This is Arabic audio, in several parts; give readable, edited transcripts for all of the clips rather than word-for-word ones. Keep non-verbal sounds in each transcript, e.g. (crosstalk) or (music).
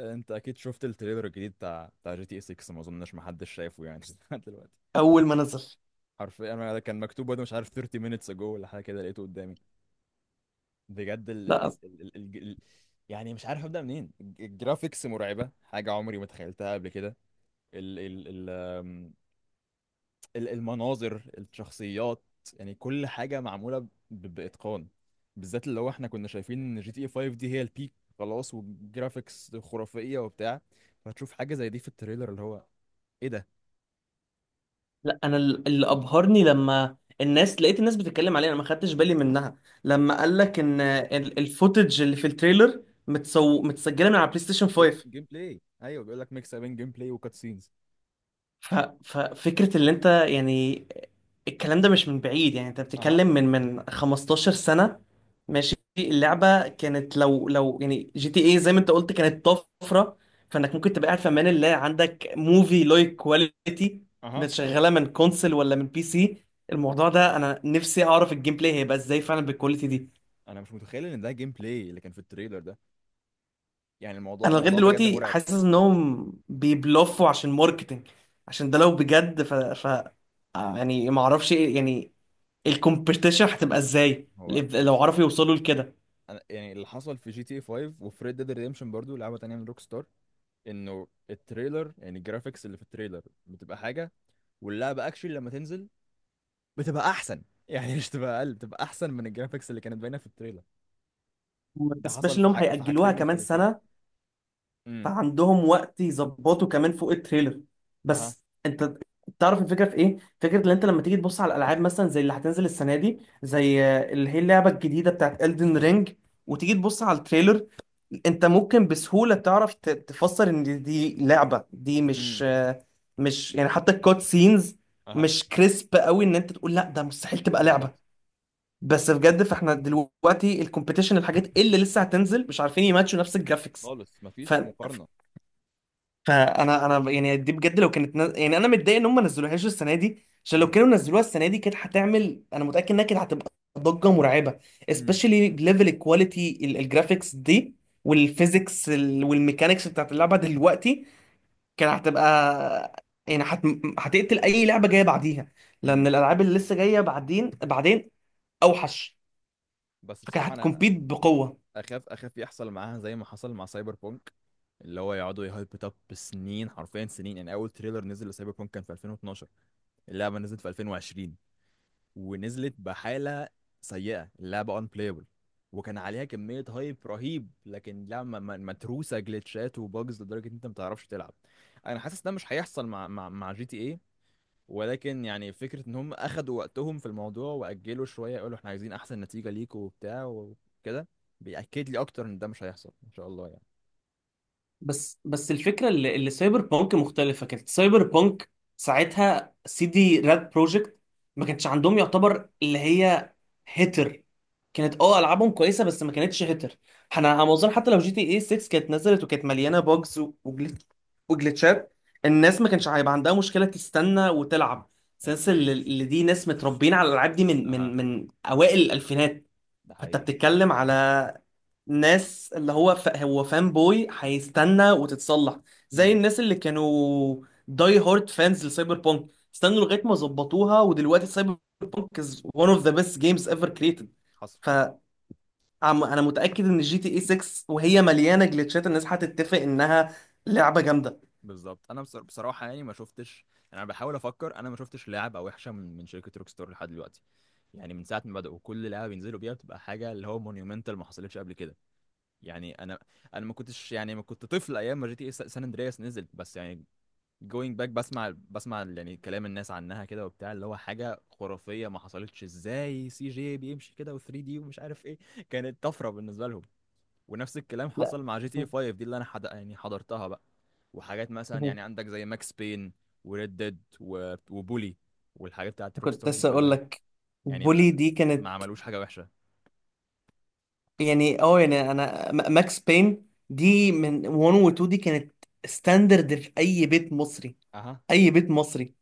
انت اكيد شفت التريلر الجديد بتاع جي تي اي 6، ما اظنش محدش شايفه يعني (laughs) لحد دلوقتي. اول ما نزل. حرفيا انا ده كان مكتوب وانا مش عارف 30 minutes ago ولا حاجه كده، لقيته قدامي. بجد لا، يعني مش عارف ابدا منين، الجرافيكس مرعبه، حاجه عمري ما تخيلتها قبل كده. ال... ال... المناظر، الشخصيات، يعني كل حاجة معمولة بإتقان، بالذات اللي هو احنا كنا شايفين ان جي تي اي 5 دي هي البيك، خلاص والجرافيكس خرافية وبتاع، فتشوف حاجة زي دي في التريلر اللي هو ايه ده؟ لا، انا اللي كانت ابهرني لما الناس لقيت الناس بتتكلم عليه، انا ما خدتش بالي منها. لما قال لك ان الفوتج اللي في التريلر متسجله من على بلاي ستيشن جيم 5. جيم بلاي. ايوه، بيقول لك ميكس بين جيم بلاي وكات سينز. ف... ففكرة اللي انت يعني الكلام ده مش من بعيد، يعني انت بتتكلم اها، من 15 سنة. ماشي، اللعبة كانت لو يعني جي تي ايه زي ما انت قلت كانت طفرة. فانك ممكن تبقى قاعد في امان الله عندك موفي لايك كواليتي اها. شغالة من كونسل ولا من بي سي. الموضوع ده انا نفسي اعرف الجيم بلاي هيبقى ازاي فعلا بالكواليتي دي. انا مش متخيل ان ده جيم بلاي اللي كان في التريلر ده، يعني الموضوع انا لغاية الموضوع بجد دلوقتي مرعب. حاسس انهم بيبلفوا عشان ماركتينج، عشان ده لو بجد ف... ف... آه، يعني ما اعرفش ايه. يعني الكومبيتيشن هتبقى ازاي هو لو بص، عرفوا يوصلوا لكده؟ انا يعني اللي حصل في جي تي اي 5 وفي ريد ديد ريديمشن، برضو لعبة تانية من روك ستار، انه التريلر، يعني الجرافيكس اللي في التريلر، بتبقى حاجه، واللعبه اكشلي لما تنزل بتبقى احسن. (laughs) يعني مش تبقى اقل، بتبقى احسن من الجرافيكس اللي كانت باينه في التريلر. وما ده تنساش حصل في انهم في هيأجلوها حاجتين كمان مختلفين. سنة، امم. فعندهم وقت يظبطوا كمان فوق التريلر. اها. بس انت تعرف الفكرة في ايه؟ فكرة ان انت لما تيجي تبص على الالعاب مثلا زي اللي هتنزل السنة دي زي اللي هي اللعبة الجديدة بتاعت Elden Ring وتيجي تبص على التريلر، انت ممكن بسهولة تعرف تفسر ان دي لعبة. دي مش امم. مش يعني حتى الكوت سينز اها. مش كريسب قوي ان انت تقول لا، ده مستحيل تبقى بالظبط، لعبة. بس بجد فاحنا دلوقتي الكومبيتيشن الحاجات اللي لسه هتنزل مش عارفين يماتشوا نفس الجرافيكس. خالص ف... مفيش مقارنه. فانا انا يعني دي بجد لو كانت يعني انا متضايق ان هم ما نزلوهاش السنه دي، عشان لو امم. كانوا نزلوها السنه دي كانت هتعمل، انا متاكد انها كانت هتبقى ضجه مرعبه. امم. Especially ليفل الكواليتي الجرافيكس دي والفيزيكس والميكانيكس بتاعت اللعبه دلوقتي كانت هتبقى يعني هتقتل اي لعبه جايه بعديها، لان امم. الالعاب اللي لسه جايه بعدين بعدين اوحش. بس كانت بصراحه انا هتكمبيت بقوه. اخاف يحصل معاها زي ما حصل مع سايبر بونك، اللي هو يقعدوا يهايب اب بسنين، حرفيا سنين. يعني اول تريلر نزل لسايبر بونك كان في 2012، اللعبه نزلت في 2020 ونزلت بحالة سيئة، اللعبة unplayable، وكان عليها كمية هايب رهيب، لكن لعبة متروسة جلitchات وباجز لدرجة ان انت ما تعرفش تلعب. انا حاسس ده مش هيحصل مع جي تي ايه، ولكن يعني فكرة ان هم اخدوا وقتهم في الموضوع واجلوا شوية يقولوا احنا عايزين احسن نتيجة ليكوا وبتاع وكده، بيأكد لي اكتر ان ده مش هيحصل ان شاء الله يعني. بس الفكره اللي سايبر بانك مختلفه. كانت سايبر بانك ساعتها سي دي راد بروجكت ما كانش عندهم يعتبر اللي هي هيتر. كانت اه العابهم كويسه بس ما كانتش هيتر. احنا على ما اظن حتى مم. لو جي تي اي 6 كانت نزلت وكانت مليانه بوجز وجلitشات، الناس ما كانش هيبقى عندها مشكله تستنى وتلعب. سنس اوكي. اللي دي ناس متربيين على الالعاب دي من اها، من اوائل الالفينات. ده فانت حقيقي. بتتكلم على ناس اللي هو هو فان بوي هيستنى وتتصلح، زي مم. الناس اللي كانوا داي هارد فانز لسايبر بونك، استنوا لغايه ما ظبطوها ودلوقتي سايبر بونك از one of the best games ever created. حصل. فانا متاكد ان جي تي اي 6 وهي مليانه جلitchات الناس هتتفق انها لعبه جامده. بالظبط، انا بصراحه يعني ما شفتش، يعني انا بحاول افكر، انا ما شفتش لعبه وحشه من شركه روك ستار لحد دلوقتي. يعني من ساعه ما بداوا، كل لعبه بينزلوا بيها بتبقى حاجه اللي هو مونيومنتال، ما حصلتش قبل كده. يعني انا ما كنتش، يعني ما كنت طفل ايام ما جي تي سان اندرياس نزلت، بس يعني جوينج باك، بسمع بسمع يعني كلام الناس عنها كده وبتاع، اللي هو حاجه خرافيه، ما حصلتش، ازاي سي جي بيمشي كده و3 دي ومش عارف ايه. كانت طفره بالنسبه لهم. ونفس الكلام لا. حصل مع جي (laughs) تي اي 5 دي اللي انا يعني حضرتها بقى. وحاجات مثلا، يعني عندك زي ماكس بين وريد ديد وبولي والحاجات بتاعت روك كنت ستار دي لسه اقول كلها، لك يعني بولي ما دي ما كانت، عملوش حاجة وحشة. يعني اه يعني انا ماكس بين دي من 1 و 2 دي كانت ستاندرد في اي بيت مصري، اها. اي بيت مصري.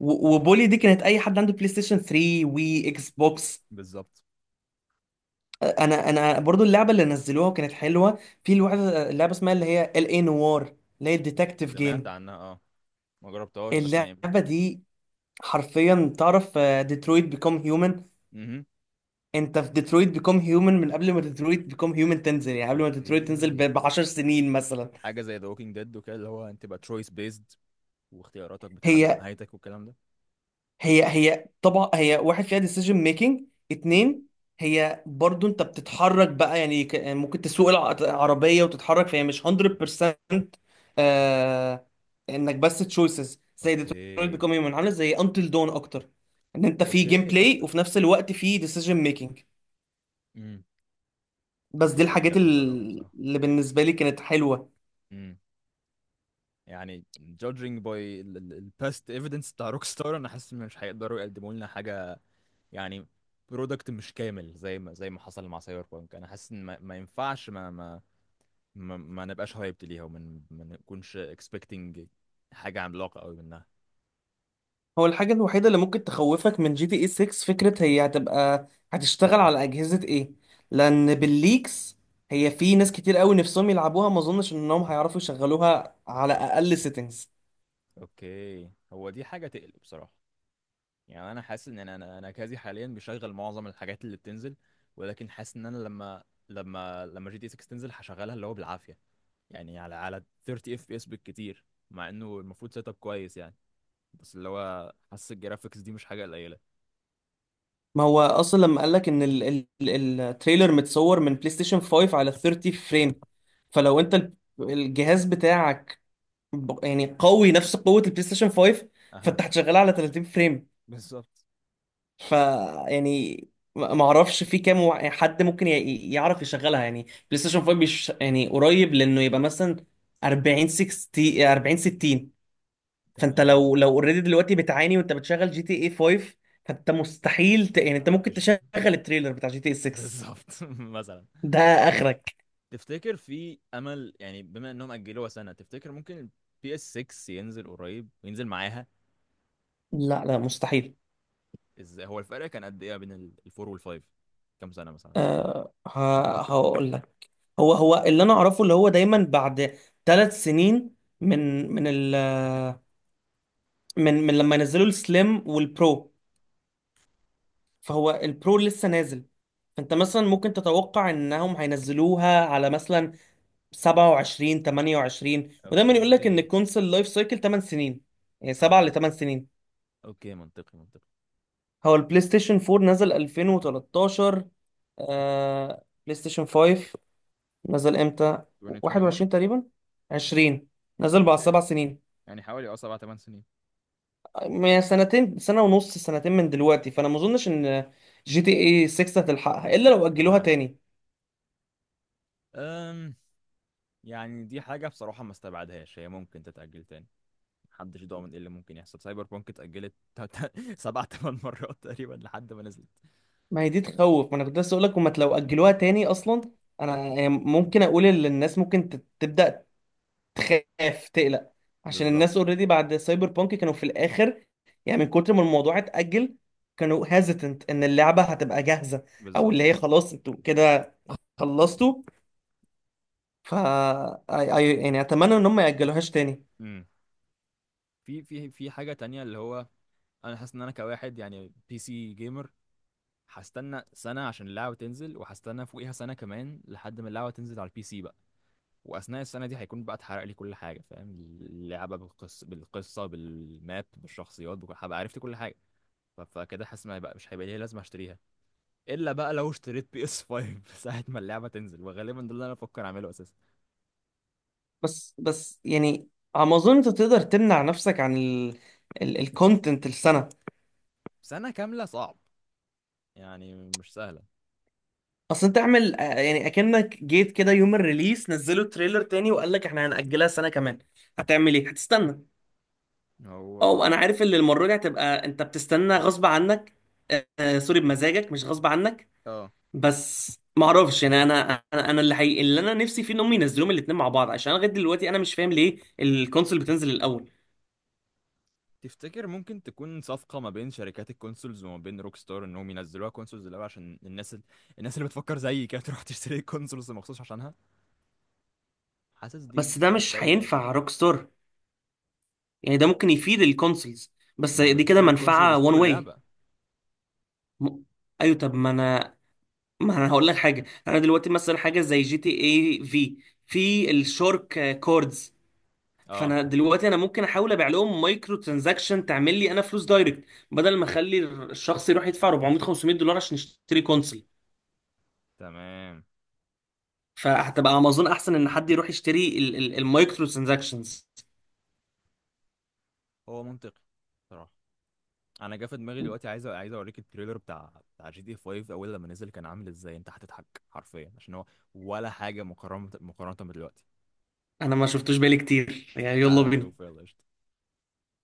وبولي دي كانت اي حد عنده بلاي ستيشن 3 وي اكس بوكس. بالظبط. انا برضو اللعبه اللي نزلوها كانت حلوه. في لعبه اسمها اللي هي ال اي نوار، اللي هي الديتكتيف سمعت جيم. عنها اه، ما جربتهاش بس يعني. اللعبه دي حرفيا، تعرف ديترويت بيكوم هيومن؟ امم. انت في ديترويت بيكوم هيومن من قبل ما ديترويت بيكوم هيومن تنزل، يعني قبل ما ديترويت تنزل اوكي. ب 10 سنين مثلا. حاجة زي ذا ووكينج ديد وكده، اللي هو انت بقى تشويس بيزد، واختياراتك بتحدد هي نهايتك والكلام ده. هي طبعا هي واحد فيها ديسيجن ميكنج، امم. اتنين هي برضو انت بتتحرك بقى، يعني ممكن تسوق العربية وتتحرك، فهي مش 100% آه انك بس تشويسز زي Detroit Become اوكي. Human. عامله زي Until Dawn اكتر، ان انت في جيم اوكي، بلاي تحفة. وفي نفس الوقت في ديسيجن ميكنج. امم. بس اوكي، دي لا دي الحاجات لازم اجربها بصراحة. اللي بالنسبة لي كانت حلوة. مم. يعني judging by past evidence بتاع روك ستار، انا حاسس ان مش هيقدروا يقدموا لنا حاجه، يعني برودكت مش كامل، زي ما حصل مع سايبر بانك. انا حاسس ان ما ينفعش، ما نبقاش هايبت ليها، وما ما نكونش expecting حاجه عملاقه قوي منها. هو الحاجة الوحيدة اللي ممكن تخوفك من جي تي اي 6 فكرة هي هتبقى هتشتغل على أجهزة ايه، لأن بالليكس هي في ناس كتير قوي نفسهم يلعبوها ما اظنش انهم هيعرفوا يشغلوها على اقل سيتنجز. اوكي، هو دي حاجه تقلق بصراحه. يعني انا حاسس ان انا كازي حاليا بشغل معظم الحاجات اللي بتنزل، ولكن حاسس ان انا لما جي تي 6 تنزل هشغلها اللي هو بالعافيه، يعني على 30 اف بي اس بالكتير، مع انه المفروض سيت اب كويس يعني. بس اللي هو، حاسس الجرافيكس دي مش حاجه قليله. ما هو اصلا لما قالك ان التريلر متصور من بلاي ستيشن 5 على 30 فريم. (laughs) فلو انت الجهاز بتاعك يعني قوي نفس قوة البلاي ستيشن 5، اها، فانت هتشغلها على 30 فريم. بالظبط. ف يعني ما اعرفش في كام يعني حد ممكن يعرف يشغلها، يعني بلاي ستيشن 5 بيش يعني قريب لانه يبقى مثلا 40 60 40 60. فانت تمام، لو اوريدي دلوقتي بتعاني وانت بتشغل جي تي اي 5، فانت مستحيل يعني انت ما ممكن فيش. تشغل التريلر بتاع جي تي اي 6. بالظبط. (laughs) مثلا، ده اخرك. تفتكر في امل؟ يعني بما انهم اجلوها سنه، تفتكر ممكن البي اس 6 ينزل قريب وينزل معاها؟ لا، لا، مستحيل. ازاي؟ هو الفرق كان قد ايه بين الفور والفايف، كام سنه مثلا؟ أه، هقول لك. هو اللي انا اعرفه اللي هو دايما بعد 3 سنين من من ال من من لما نزلوا السليم والبرو، فهو البرو لسه نازل. فانت مثلا ممكن تتوقع انهم هينزلوها على مثلا 27 28. ودايما يقول لك ان اوكي، الكونسول لايف سايكل 8 سنين، يعني 7 اها. ل 8 سنين. اوكي، منطقي منطقي. هو البلاي ستيشن 4 نزل 2013. آه، بلاي ستيشن 5 نزل امتى؟ 2021. 21 تقريبا، 20. نزل بعد اوكي، 7 سنين، يعني حوالي 7 8 سنين. يعني سنتين، سنة ونص، سنتين من دلوقتي. فانا ما اظنش ان جي تي اي 6 هتلحقها الا لو اجلوها اها. تاني. أم. يعني دي حاجة بصراحة ما استبعدهاش، هي ممكن تتأجل تاني، محدش ضامن ايه اللي ممكن يحصل. سايبر بانك اتأجلت (laughs) سبع تمن مرات تقريبا لحد ما نزلت. ما هي دي تخوف. ما انا كنت لسه اقول لك هما لو اجلوها تاني اصلا، انا يعني ممكن اقول ان الناس ممكن تبدا تخاف تقلق، عشان الناس بالظبط. اوريدي بعد سايبر بانك كانوا في الاخر، يعني من كتر ما الموضوع اتاجل كانوا هيزيتنت ان اللعبه هتبقى جاهزه، او اللي بالظبط. هي خلاص انتوا كده خلصتوا. ف يعني اتمنى ان هم ما ياجلوهاش تاني. امم. في حاجة تانية اللي هو، انا حاسس ان انا كواحد يعني بي سي جيمر، هستنى سنة عشان اللعبة تنزل، وهستنى فوقيها سنة كمان لحد ما اللعبة تنزل على البي سي بقى، وأثناء السنة دي هيكون بقى اتحرق لي كل حاجة، فاهم؟ اللعبة بالقصة بالقصة، بالماب، بالشخصيات، بكل، هبقى عرفت كل حاجة. فكده حاسس ما هيبقى مش هيبقى ليا لازمة اشتريها، الا بقى لو اشتريت بي اس 5 (laughs) ساعه ما اللعبه تنزل، وغالبا ده اللي انا بفكر اعمله اساسا. بس يعني على ما اظن انت تقدر تمنع نفسك عن الكونتنت السنه. سنه كامله صعب، يعني مش سهله. اصل انت اعمل يعني اكنك جيت كده يوم الريليس نزلوا تريلر تاني وقال لك احنا هنأجلها سنة كمان، هتعمل ايه؟ هتستنى؟ هو او اه، انا عارف ان المرة دي هتبقى انت بتستنى غصب عنك. سوري، بمزاجك مش غصب عنك. اه، بس ما اعرفش، يعني انا اللي حقيقي اللي انا نفسي فيه ان هم ينزلوهم الاثنين مع بعض، عشان أنا لغايه دلوقتي انا مش فاهم ليه الكونسول بتنزل الاول. تفتكر ممكن تكون صفقه ما بين شركات الكونسولز وما بين روك ستار، انهم ينزلوها كونسولز الاول عشان الناس اللي بتفكر زيي كده (laughs) تروح تشتري الكونسولز مخصوص عشانها؟ حاسس دي بس ده مش مش بعيده يعني. هينفع روك ستار. يعني ده ممكن يفيد الكونسولز، بس ما هم دي كده بيشتروا الكونسول، منفعه وان بيشتروا واي. اللعبه. م... ايوه، طب ما انا هقول لك حاجه. انا دلوقتي مثلا حاجه زي جي تي اي في الشارك كوردز، اه. فانا دلوقتي انا ممكن احاول ابيع لهم مايكرو ترانزاكشن تعمل لي انا فلوس دايركت، بدل ما اخلي الشخص يروح يدفع 400 $500 عشان يشتري كونسل. تمام. فهتبقى امازون احسن ان حد يروح يشتري المايكرو ترانزاكشنز. هو منطقي صراحه. انا جه في دماغي دلوقتي، عايز اوريك التريلر بتاع جي تي 5 اول لما نزل كان عامل ازاي، انت هتضحك حرفيا، عشان هو ولا حاجه مقارنه مقارنه بدلوقتي. انا ما شفتوش بالي كتير يعني. تعال يلا نشوف، بينا. يلا قشطة.